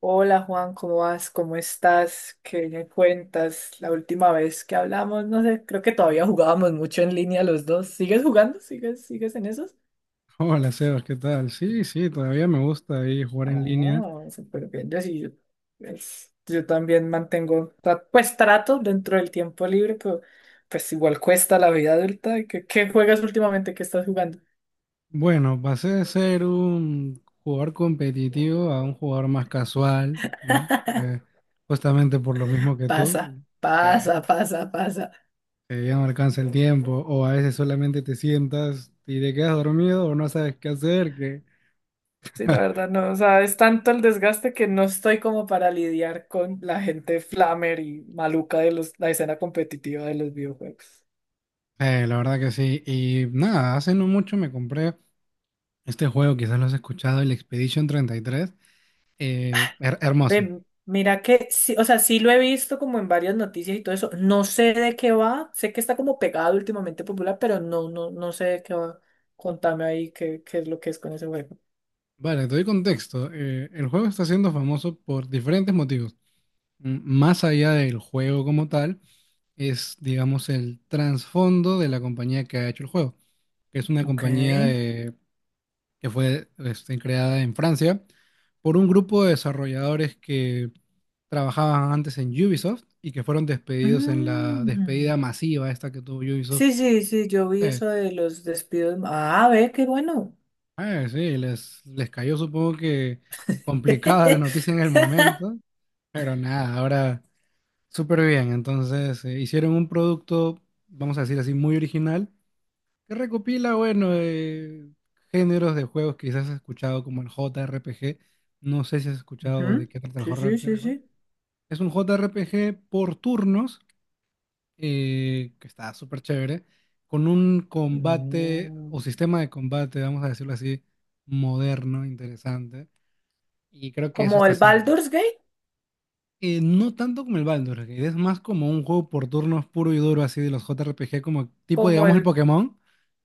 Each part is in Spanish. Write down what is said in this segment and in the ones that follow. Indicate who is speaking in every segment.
Speaker 1: Hola Juan, ¿cómo vas? ¿Cómo estás? ¿Qué me cuentas? La última vez que hablamos, no sé, creo que todavía jugábamos mucho en línea los dos. ¿Sigues jugando? ¿Sigues en esos?
Speaker 2: Hola Sebas, ¿qué tal? Sí, sí, todavía me gusta ahí jugar en línea.
Speaker 1: Oh, súper bien. Yo sí, yo también mantengo, pues trato dentro del tiempo libre, pero pues igual cuesta la vida adulta. ¿Qué juegas últimamente? ¿Qué estás jugando?
Speaker 2: Bueno, pasé de ser un jugador competitivo a un jugador más casual, ¿no? Eh, justamente por lo mismo que
Speaker 1: Pasa,
Speaker 2: tú, eh,
Speaker 1: pasa, pasa, pasa.
Speaker 2: que ya no alcanza el tiempo, o a veces solamente te sientas y te quedas dormido o no sabes qué hacer, que...
Speaker 1: Sí, la verdad no, o sea, es tanto el desgaste que no estoy como para lidiar con la gente flamer y maluca de la escena competitiva de los videojuegos.
Speaker 2: La verdad que sí. Y nada, hace no mucho me compré este juego, quizás lo has escuchado, el Expedition 33. Hermoso.
Speaker 1: Ve, mira que, sí, o sea, sí lo he visto como en varias noticias y todo eso. No sé de qué va, sé que está como pegado últimamente popular, pero no sé de qué va. Contame ahí qué es lo que es con ese juego.
Speaker 2: Vale, te doy contexto. El juego está siendo famoso por diferentes motivos. Más allá del juego como tal, es, digamos, el trasfondo de la compañía que ha hecho el juego, que es una
Speaker 1: Ok.
Speaker 2: compañía que fue creada en Francia por un grupo de desarrolladores que trabajaban antes en Ubisoft y que fueron despedidos en la
Speaker 1: Mm.
Speaker 2: despedida masiva esta que tuvo Ubisoft
Speaker 1: Sí, sí, sí, yo vi
Speaker 2: eh,
Speaker 1: eso de los despidos. Ah, ve, qué bueno.
Speaker 2: Sí, les cayó, supongo que complicada, la noticia en el momento, pero nada, ahora súper bien. Entonces, hicieron un producto, vamos a decir así, muy original, que recopila, bueno, géneros de juegos que quizás has escuchado como el JRPG. No sé si has
Speaker 1: Ujú.
Speaker 2: escuchado de qué trata el
Speaker 1: Sí, sí, sí,
Speaker 2: JRPG.
Speaker 1: sí.
Speaker 2: Es un JRPG por turnos, que está súper chévere, con un combate o
Speaker 1: Mm.
Speaker 2: sistema de combate, vamos a decirlo así, moderno, interesante, y creo que eso
Speaker 1: Como
Speaker 2: está
Speaker 1: el
Speaker 2: haciendo.
Speaker 1: Baldur's Gate,
Speaker 2: No tanto como el Baldur's Gate, es más como un juego por turnos puro y duro, así de los JRPG, como tipo,
Speaker 1: como
Speaker 2: digamos, el
Speaker 1: el...
Speaker 2: Pokémon,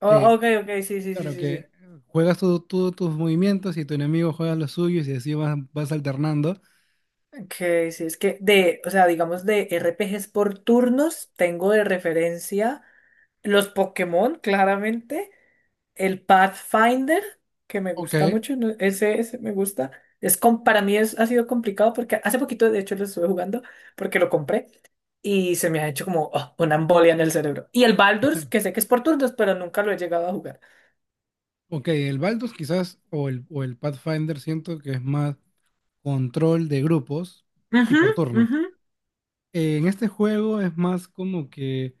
Speaker 1: Oh,
Speaker 2: que,
Speaker 1: ok, ok, sí, sí, sí,
Speaker 2: claro,
Speaker 1: sí,
Speaker 2: que
Speaker 1: sí.
Speaker 2: juegas tú, tus movimientos, y tu enemigo juega los suyos, y así vas, alternando.
Speaker 1: Ok, sí, es que de, o sea, digamos de RPGs por turnos, tengo de referencia los Pokémon, claramente, el Pathfinder, que me
Speaker 2: Ok,
Speaker 1: gusta mucho, ¿no? Ese me gusta. Para mí es, ha sido complicado porque hace poquito, de hecho, lo estuve jugando porque lo compré. Y se me ha hecho como oh, una embolia en el cerebro. Y el Baldur's, que sé que es por turnos, pero nunca lo he llegado a jugar.
Speaker 2: ok, el Baldur's quizás, o el Pathfinder, siento que es más control de grupos y
Speaker 1: Ujú,
Speaker 2: por turno.
Speaker 1: ujú.
Speaker 2: En este juego es más como que,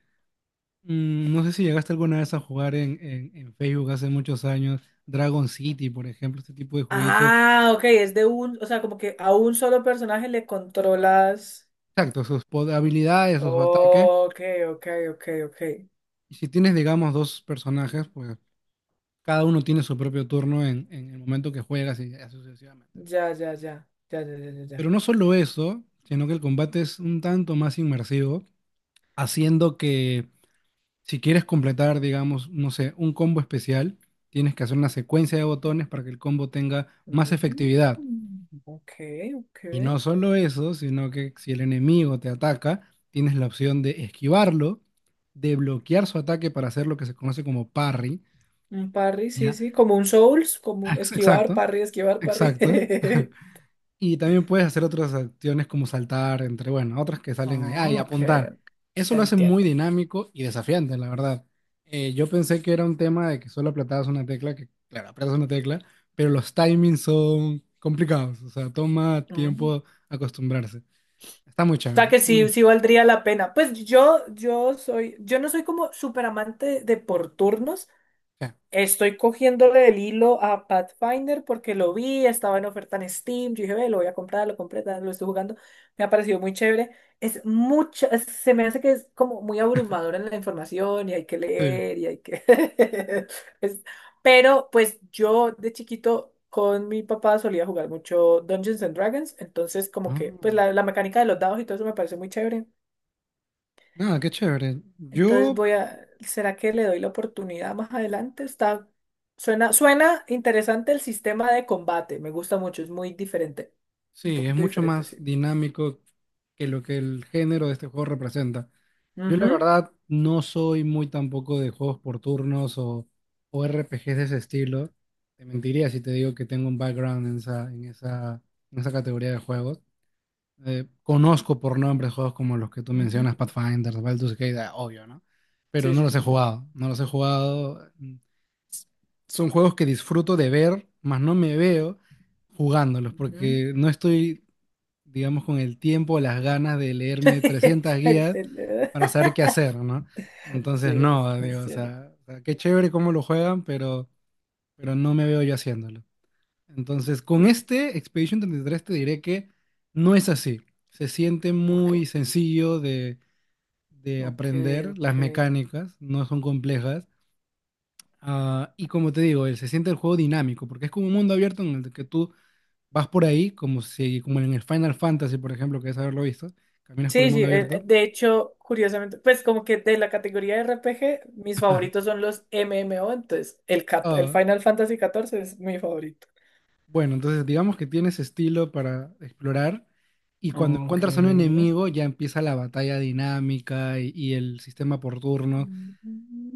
Speaker 2: no sé si llegaste alguna vez a jugar en, Facebook, hace muchos años, Dragon City, por ejemplo, este tipo de jueguitos.
Speaker 1: Ah, ok, es de un, o sea, como que a un solo personaje le controlas.
Speaker 2: Exacto, sus habilidades, sus ataques.
Speaker 1: Ok, ok, ok, ok.
Speaker 2: Y si tienes, digamos, dos personajes, pues cada uno tiene su propio turno en, el momento que juegas, y así sucesivamente.
Speaker 1: Ya, ya, ya, ya, ya, ya, ya,
Speaker 2: Pero
Speaker 1: ya.
Speaker 2: no solo eso, sino que el combate es un tanto más inmersivo, haciendo que, si quieres completar, digamos, no sé, un combo especial, tienes que hacer una secuencia de botones para que el combo tenga más
Speaker 1: Mm,
Speaker 2: efectividad.
Speaker 1: ok, ok.
Speaker 2: Y no solo eso, sino que si el enemigo te ataca, tienes la opción de esquivarlo, de bloquear su ataque para hacer lo que se conoce como parry,
Speaker 1: Un parry, sí,
Speaker 2: ¿ya?
Speaker 1: sí, como un Souls, como esquivar,
Speaker 2: Exacto,
Speaker 1: parry, esquivar, parry.
Speaker 2: exacto. Y también puedes hacer otras acciones como saltar, entre, bueno, otras que salen allá, y
Speaker 1: Ah, ok,
Speaker 2: apuntar. Eso lo hace muy
Speaker 1: entiendo.
Speaker 2: dinámico y desafiante, la verdad. Yo pensé que era un tema de que solo apretabas una tecla, que, claro, apretas una tecla, pero los timings son complicados, o sea, toma tiempo acostumbrarse. Está muy
Speaker 1: O sea
Speaker 2: chévere.
Speaker 1: que sí,
Speaker 2: Mm,
Speaker 1: sí valdría la pena. Pues yo no soy como súper amante de por turnos.
Speaker 2: ya,
Speaker 1: Estoy cogiéndole el hilo a Pathfinder porque lo vi, estaba en oferta en Steam. Yo dije, ve, lo voy a comprar, lo compré, tal, lo estoy jugando. Me ha parecido muy chévere. Se me hace que es como muy abrumadora la información y hay que
Speaker 2: sí.
Speaker 1: leer y hay que. es- Pero pues yo de chiquito con mi papá solía jugar mucho Dungeons and Dragons, entonces como que
Speaker 2: Ah,
Speaker 1: pues la mecánica de los dados y todo eso me parece muy chévere.
Speaker 2: nada, qué chévere.
Speaker 1: Entonces
Speaker 2: Yo
Speaker 1: voy a, ¿será que le doy la oportunidad más adelante? Está, suena interesante el sistema de combate, me gusta mucho, es muy diferente, un
Speaker 2: Sí, es
Speaker 1: poquito
Speaker 2: mucho
Speaker 1: diferente,
Speaker 2: más
Speaker 1: sí.
Speaker 2: dinámico que lo que el género de este juego representa. Yo la
Speaker 1: Ujú,
Speaker 2: verdad no soy muy tampoco de juegos por turnos, o RPGs de ese estilo. Te mentiría si te digo que tengo un background en esa categoría de juegos. Conozco por nombre juegos como los que tú
Speaker 1: ujú.
Speaker 2: mencionas, Pathfinder, Baldur's Gate, ah, obvio, ¿no? Pero
Speaker 1: Sí,
Speaker 2: no
Speaker 1: sí,
Speaker 2: los he
Speaker 1: sí, sí.
Speaker 2: jugado, no los he jugado. Son juegos que disfruto de ver, mas no me veo jugándolos
Speaker 1: Ujú.
Speaker 2: porque no estoy, digamos, con el tiempo, las ganas de leerme 300
Speaker 1: El
Speaker 2: guías
Speaker 1: teléfono.
Speaker 2: para saber qué hacer, ¿no?
Speaker 1: Sí,
Speaker 2: Entonces, no,
Speaker 1: es
Speaker 2: digo,
Speaker 1: cierto.
Speaker 2: o sea, qué chévere cómo lo juegan, pero no me veo yo haciéndolo. Entonces, con
Speaker 1: Sí.
Speaker 2: este Expedition 33, te diré que no es así. Se siente
Speaker 1: Ok,
Speaker 2: muy sencillo de
Speaker 1: ok,
Speaker 2: aprender, las
Speaker 1: ok.
Speaker 2: mecánicas no son complejas. Ah, y como te digo, se siente el juego dinámico, porque es como un mundo abierto en el que tú vas por ahí, como si, como en el Final Fantasy, por ejemplo, que es haberlo visto, caminas por el
Speaker 1: Sí, sí,
Speaker 2: mundo abierto.
Speaker 1: de hecho, curiosamente, pues como que de la categoría de RPG, mis favoritos son los MMO, entonces el
Speaker 2: Ah,
Speaker 1: Final Fantasy 14 es mi favorito.
Speaker 2: bueno, entonces digamos que tienes estilo para explorar, y cuando
Speaker 1: Ok.
Speaker 2: encuentras a un enemigo ya empieza la batalla dinámica, y el sistema por turnos,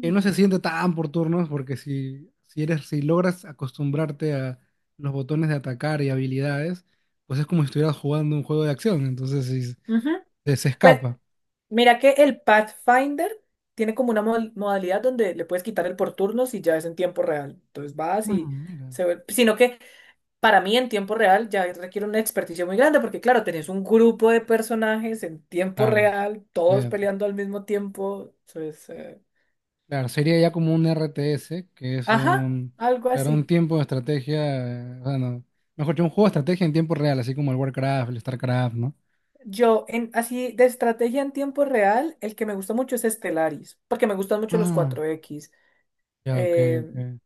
Speaker 2: que no se siente tan por turnos, porque si logras acostumbrarte a los botones de atacar y habilidades, pues es como si estuvieras jugando un juego de acción, entonces sí,
Speaker 1: Ujú.
Speaker 2: se
Speaker 1: Pues
Speaker 2: escapa.
Speaker 1: mira que el Pathfinder tiene como una modalidad donde le puedes quitar el por turnos y ya es en tiempo real. Entonces vas
Speaker 2: Ah,
Speaker 1: y
Speaker 2: mira.
Speaker 1: se ve. Sino que para mí en tiempo real ya requiere una experticia muy grande porque claro, tenés un grupo de personajes en tiempo
Speaker 2: Claro.
Speaker 1: real, todos peleando al mismo tiempo. Entonces,
Speaker 2: Claro, sería ya como un RTS, que es
Speaker 1: ajá,
Speaker 2: un,
Speaker 1: algo
Speaker 2: claro, un
Speaker 1: así.
Speaker 2: tiempo de estrategia, bueno, mejor dicho, un juego de estrategia en tiempo real, así como el Warcraft, el StarCraft, ¿no?
Speaker 1: Yo, en, así de estrategia en tiempo real, el que me gusta mucho es Stellaris, porque me gustan mucho los
Speaker 2: Ah,
Speaker 1: 4X.
Speaker 2: ya, ok,
Speaker 1: eh,
Speaker 2: ok.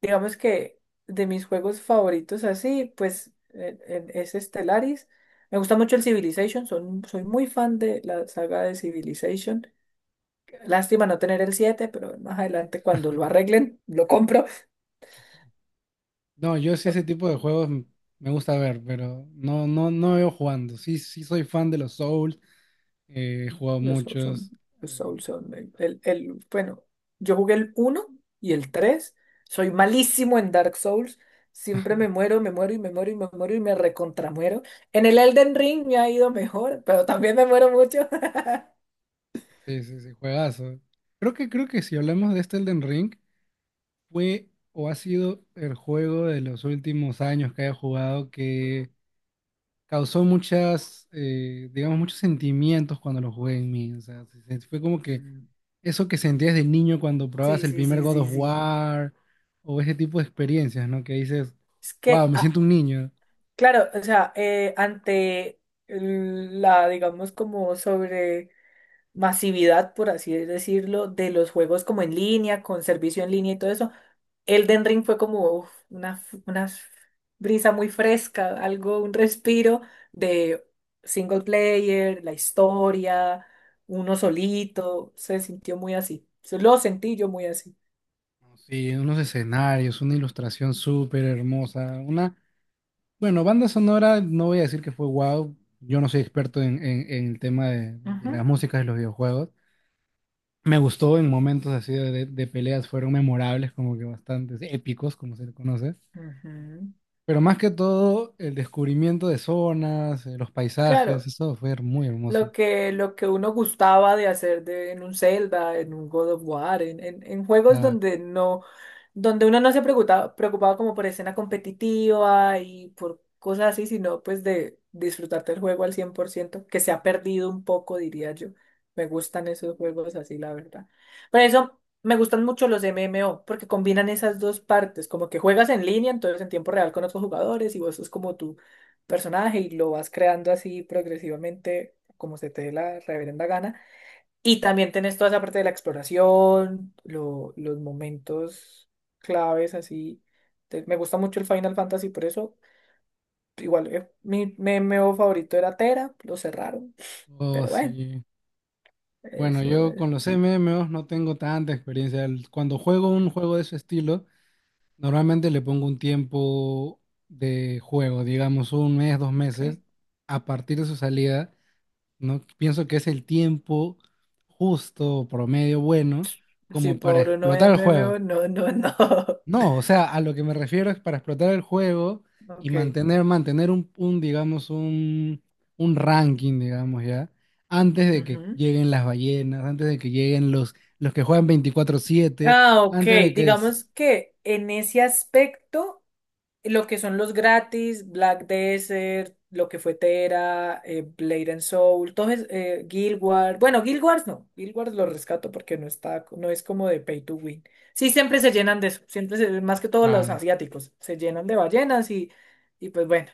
Speaker 1: digamos que de mis juegos favoritos así, pues es Stellaris. Me gusta mucho el Civilization, son, soy muy fan de la saga de Civilization. Lástima no tener el siete, pero más adelante cuando lo arreglen, lo compro.
Speaker 2: No, yo sí
Speaker 1: Ah,
Speaker 2: ese tipo de juegos, me gusta ver, pero no, no, no veo jugando. Sí, sí soy fan de los Souls, he jugado
Speaker 1: los Souls son,
Speaker 2: muchos.
Speaker 1: los
Speaker 2: eh,
Speaker 1: Souls son bueno, yo jugué el uno y el tres. Soy malísimo en Dark Souls. Siempre me muero y me muero y me muero y me recontramuero. En el Elden Ring me ha ido mejor, pero también me muero mucho.
Speaker 2: sí, sí, sí, juegazo. Creo que si hablamos de este Elden Ring, fue o ha sido el juego de los últimos años que he jugado que causó digamos, muchos sentimientos cuando lo jugué en mí. O sea, fue como que
Speaker 1: Mm.
Speaker 2: eso que sentías de niño cuando
Speaker 1: Sí,
Speaker 2: probabas el
Speaker 1: sí,
Speaker 2: primer
Speaker 1: sí,
Speaker 2: God
Speaker 1: sí,
Speaker 2: of
Speaker 1: sí.
Speaker 2: War, o ese tipo de experiencias, ¿no? Que dices,
Speaker 1: Es
Speaker 2: wow,
Speaker 1: que,
Speaker 2: me
Speaker 1: ah,
Speaker 2: siento un niño.
Speaker 1: claro, o sea, ante la digamos, como sobre masividad, por así decirlo, de los juegos como en línea, con servicio en línea y todo eso, Elden Ring fue como uf, una brisa muy fresca, algo, un respiro de single player, la historia, uno solito, se sintió muy así. Se lo sentí yo muy así.
Speaker 2: Sí, unos escenarios, una ilustración súper hermosa, bueno, banda sonora, no voy a decir que fue wow, yo no soy experto en, el tema de,
Speaker 1: Ujú,
Speaker 2: las músicas de los videojuegos. Me gustó en momentos así peleas, fueron memorables, como que bastante épicos, como se le conoce.
Speaker 1: ujú.
Speaker 2: Pero más que todo, el descubrimiento de zonas, los paisajes,
Speaker 1: Claro.
Speaker 2: eso fue muy hermoso.
Speaker 1: Lo que uno gustaba de hacer de, en un Zelda, en un God of War, en
Speaker 2: O
Speaker 1: juegos
Speaker 2: sea,
Speaker 1: donde no, donde uno no se preocupaba como por escena competitiva y por cosas así, sino pues de disfrutarte el juego al 100%, que se ha perdido un poco, diría yo. Me gustan esos juegos así, la verdad. Por eso me gustan mucho los MMO, porque combinan esas dos partes, como que juegas en línea, entonces en tiempo real con otros jugadores, y vos sos como tu personaje y lo vas creando así progresivamente como se te dé la reverenda gana. Y también tenés toda esa parte de la exploración, los momentos claves así. Me gusta mucho el Final Fantasy, por eso igual mi MMO favorito era Tera, lo cerraron,
Speaker 2: oh,
Speaker 1: pero bueno,
Speaker 2: sí. Bueno,
Speaker 1: eso
Speaker 2: yo
Speaker 1: es.
Speaker 2: con los MMOs no tengo tanta experiencia. Cuando juego un juego de ese estilo, normalmente le pongo un tiempo de juego, digamos un mes, dos
Speaker 1: Ok.
Speaker 2: meses, a partir de su salida, ¿no? Pienso que es el tiempo justo, promedio bueno,
Speaker 1: Si
Speaker 2: como para
Speaker 1: por no
Speaker 2: explotar el juego.
Speaker 1: MMO, no, no, no.
Speaker 2: No, o sea, a lo que me refiero es para explotar el juego y
Speaker 1: Ok.
Speaker 2: mantener un, digamos, un, ranking, digamos, ya, antes de que
Speaker 1: Ujú.
Speaker 2: lleguen las ballenas, antes de que lleguen los que juegan 24/7,
Speaker 1: Ah, ok.
Speaker 2: antes de que...
Speaker 1: Digamos que en ese aspecto. Lo que son los gratis, Black Desert, lo que fue Tera, Blade and Soul, todo es, Guild Wars. Bueno, Guild Wars no, Guild Wars lo rescato porque no está, no es como de pay to win. Sí, siempre se llenan de eso, más que todos los
Speaker 2: Claro,
Speaker 1: asiáticos, se llenan de ballenas y pues bueno.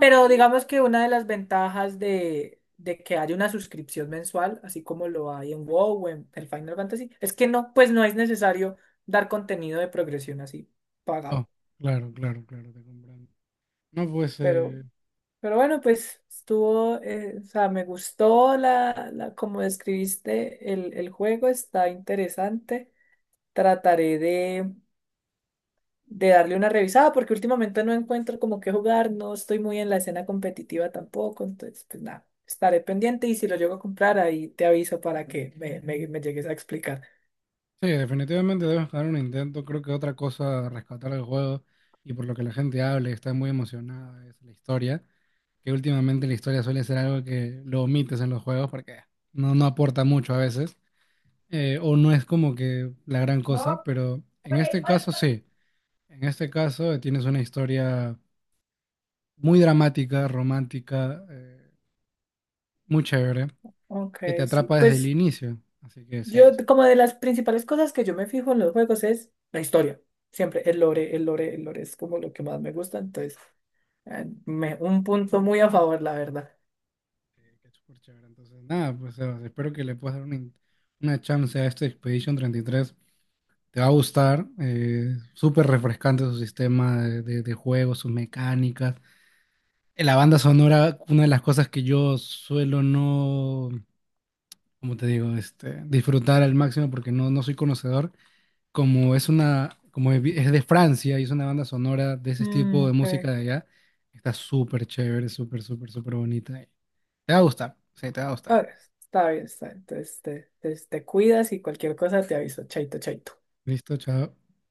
Speaker 1: Pero digamos que una de las ventajas de que haya una suscripción mensual, así como lo hay en WoW o en el Final Fantasy, es que no, pues no es necesario dar contenido de progresión así
Speaker 2: oh,
Speaker 1: pagado.
Speaker 2: claro, claro, claro, te comprendo. No, pues,
Speaker 1: Pero Pero bueno, pues estuvo, o sea, me gustó la como describiste el juego, está interesante. Trataré de darle una revisada porque últimamente no encuentro como qué jugar, no estoy muy en la escena competitiva tampoco, entonces pues nada, estaré pendiente y si lo llego a comprar ahí te aviso para que me llegues a explicar.
Speaker 2: sí, definitivamente debemos dar un intento, creo que otra cosa a rescatar el juego y por lo que la gente habla y está muy emocionada es la historia. Que últimamente la historia suele ser algo que lo omites en los juegos porque no aporta mucho a veces, o no es como que la gran cosa, pero en este caso sí, en este caso, tienes una historia muy dramática, romántica, muy chévere,
Speaker 1: Ok,
Speaker 2: que te
Speaker 1: sí,
Speaker 2: atrapa desde el
Speaker 1: pues
Speaker 2: inicio, así que sí,
Speaker 1: yo
Speaker 2: sí,
Speaker 1: como de las principales cosas que yo me fijo en los juegos es la historia, siempre el lore es como lo que más me gusta, entonces... un punto muy a favor, la verdad.
Speaker 2: sí, que es súper chévere. Entonces, nada, pues espero que le puedas dar una chance a este Expedition 33. Te va a gustar, súper refrescante su sistema de juego, sus mecánicas. La banda sonora, una de las cosas que yo suelo no, como te digo, disfrutar al máximo porque no soy conocedor, como es una, como es vi- es de Francia y es una banda sonora de ese
Speaker 1: Mm,
Speaker 2: tipo de
Speaker 1: ok.
Speaker 2: música de allá, está súper chévere, súper, súper, súper bonita. Te va a gustar, sí, te va a gustar.
Speaker 1: Ah, está bien, está bien. Entonces te, te cuidas y cualquier cosa te aviso. Chaito, chaito.
Speaker 2: Listo, chao.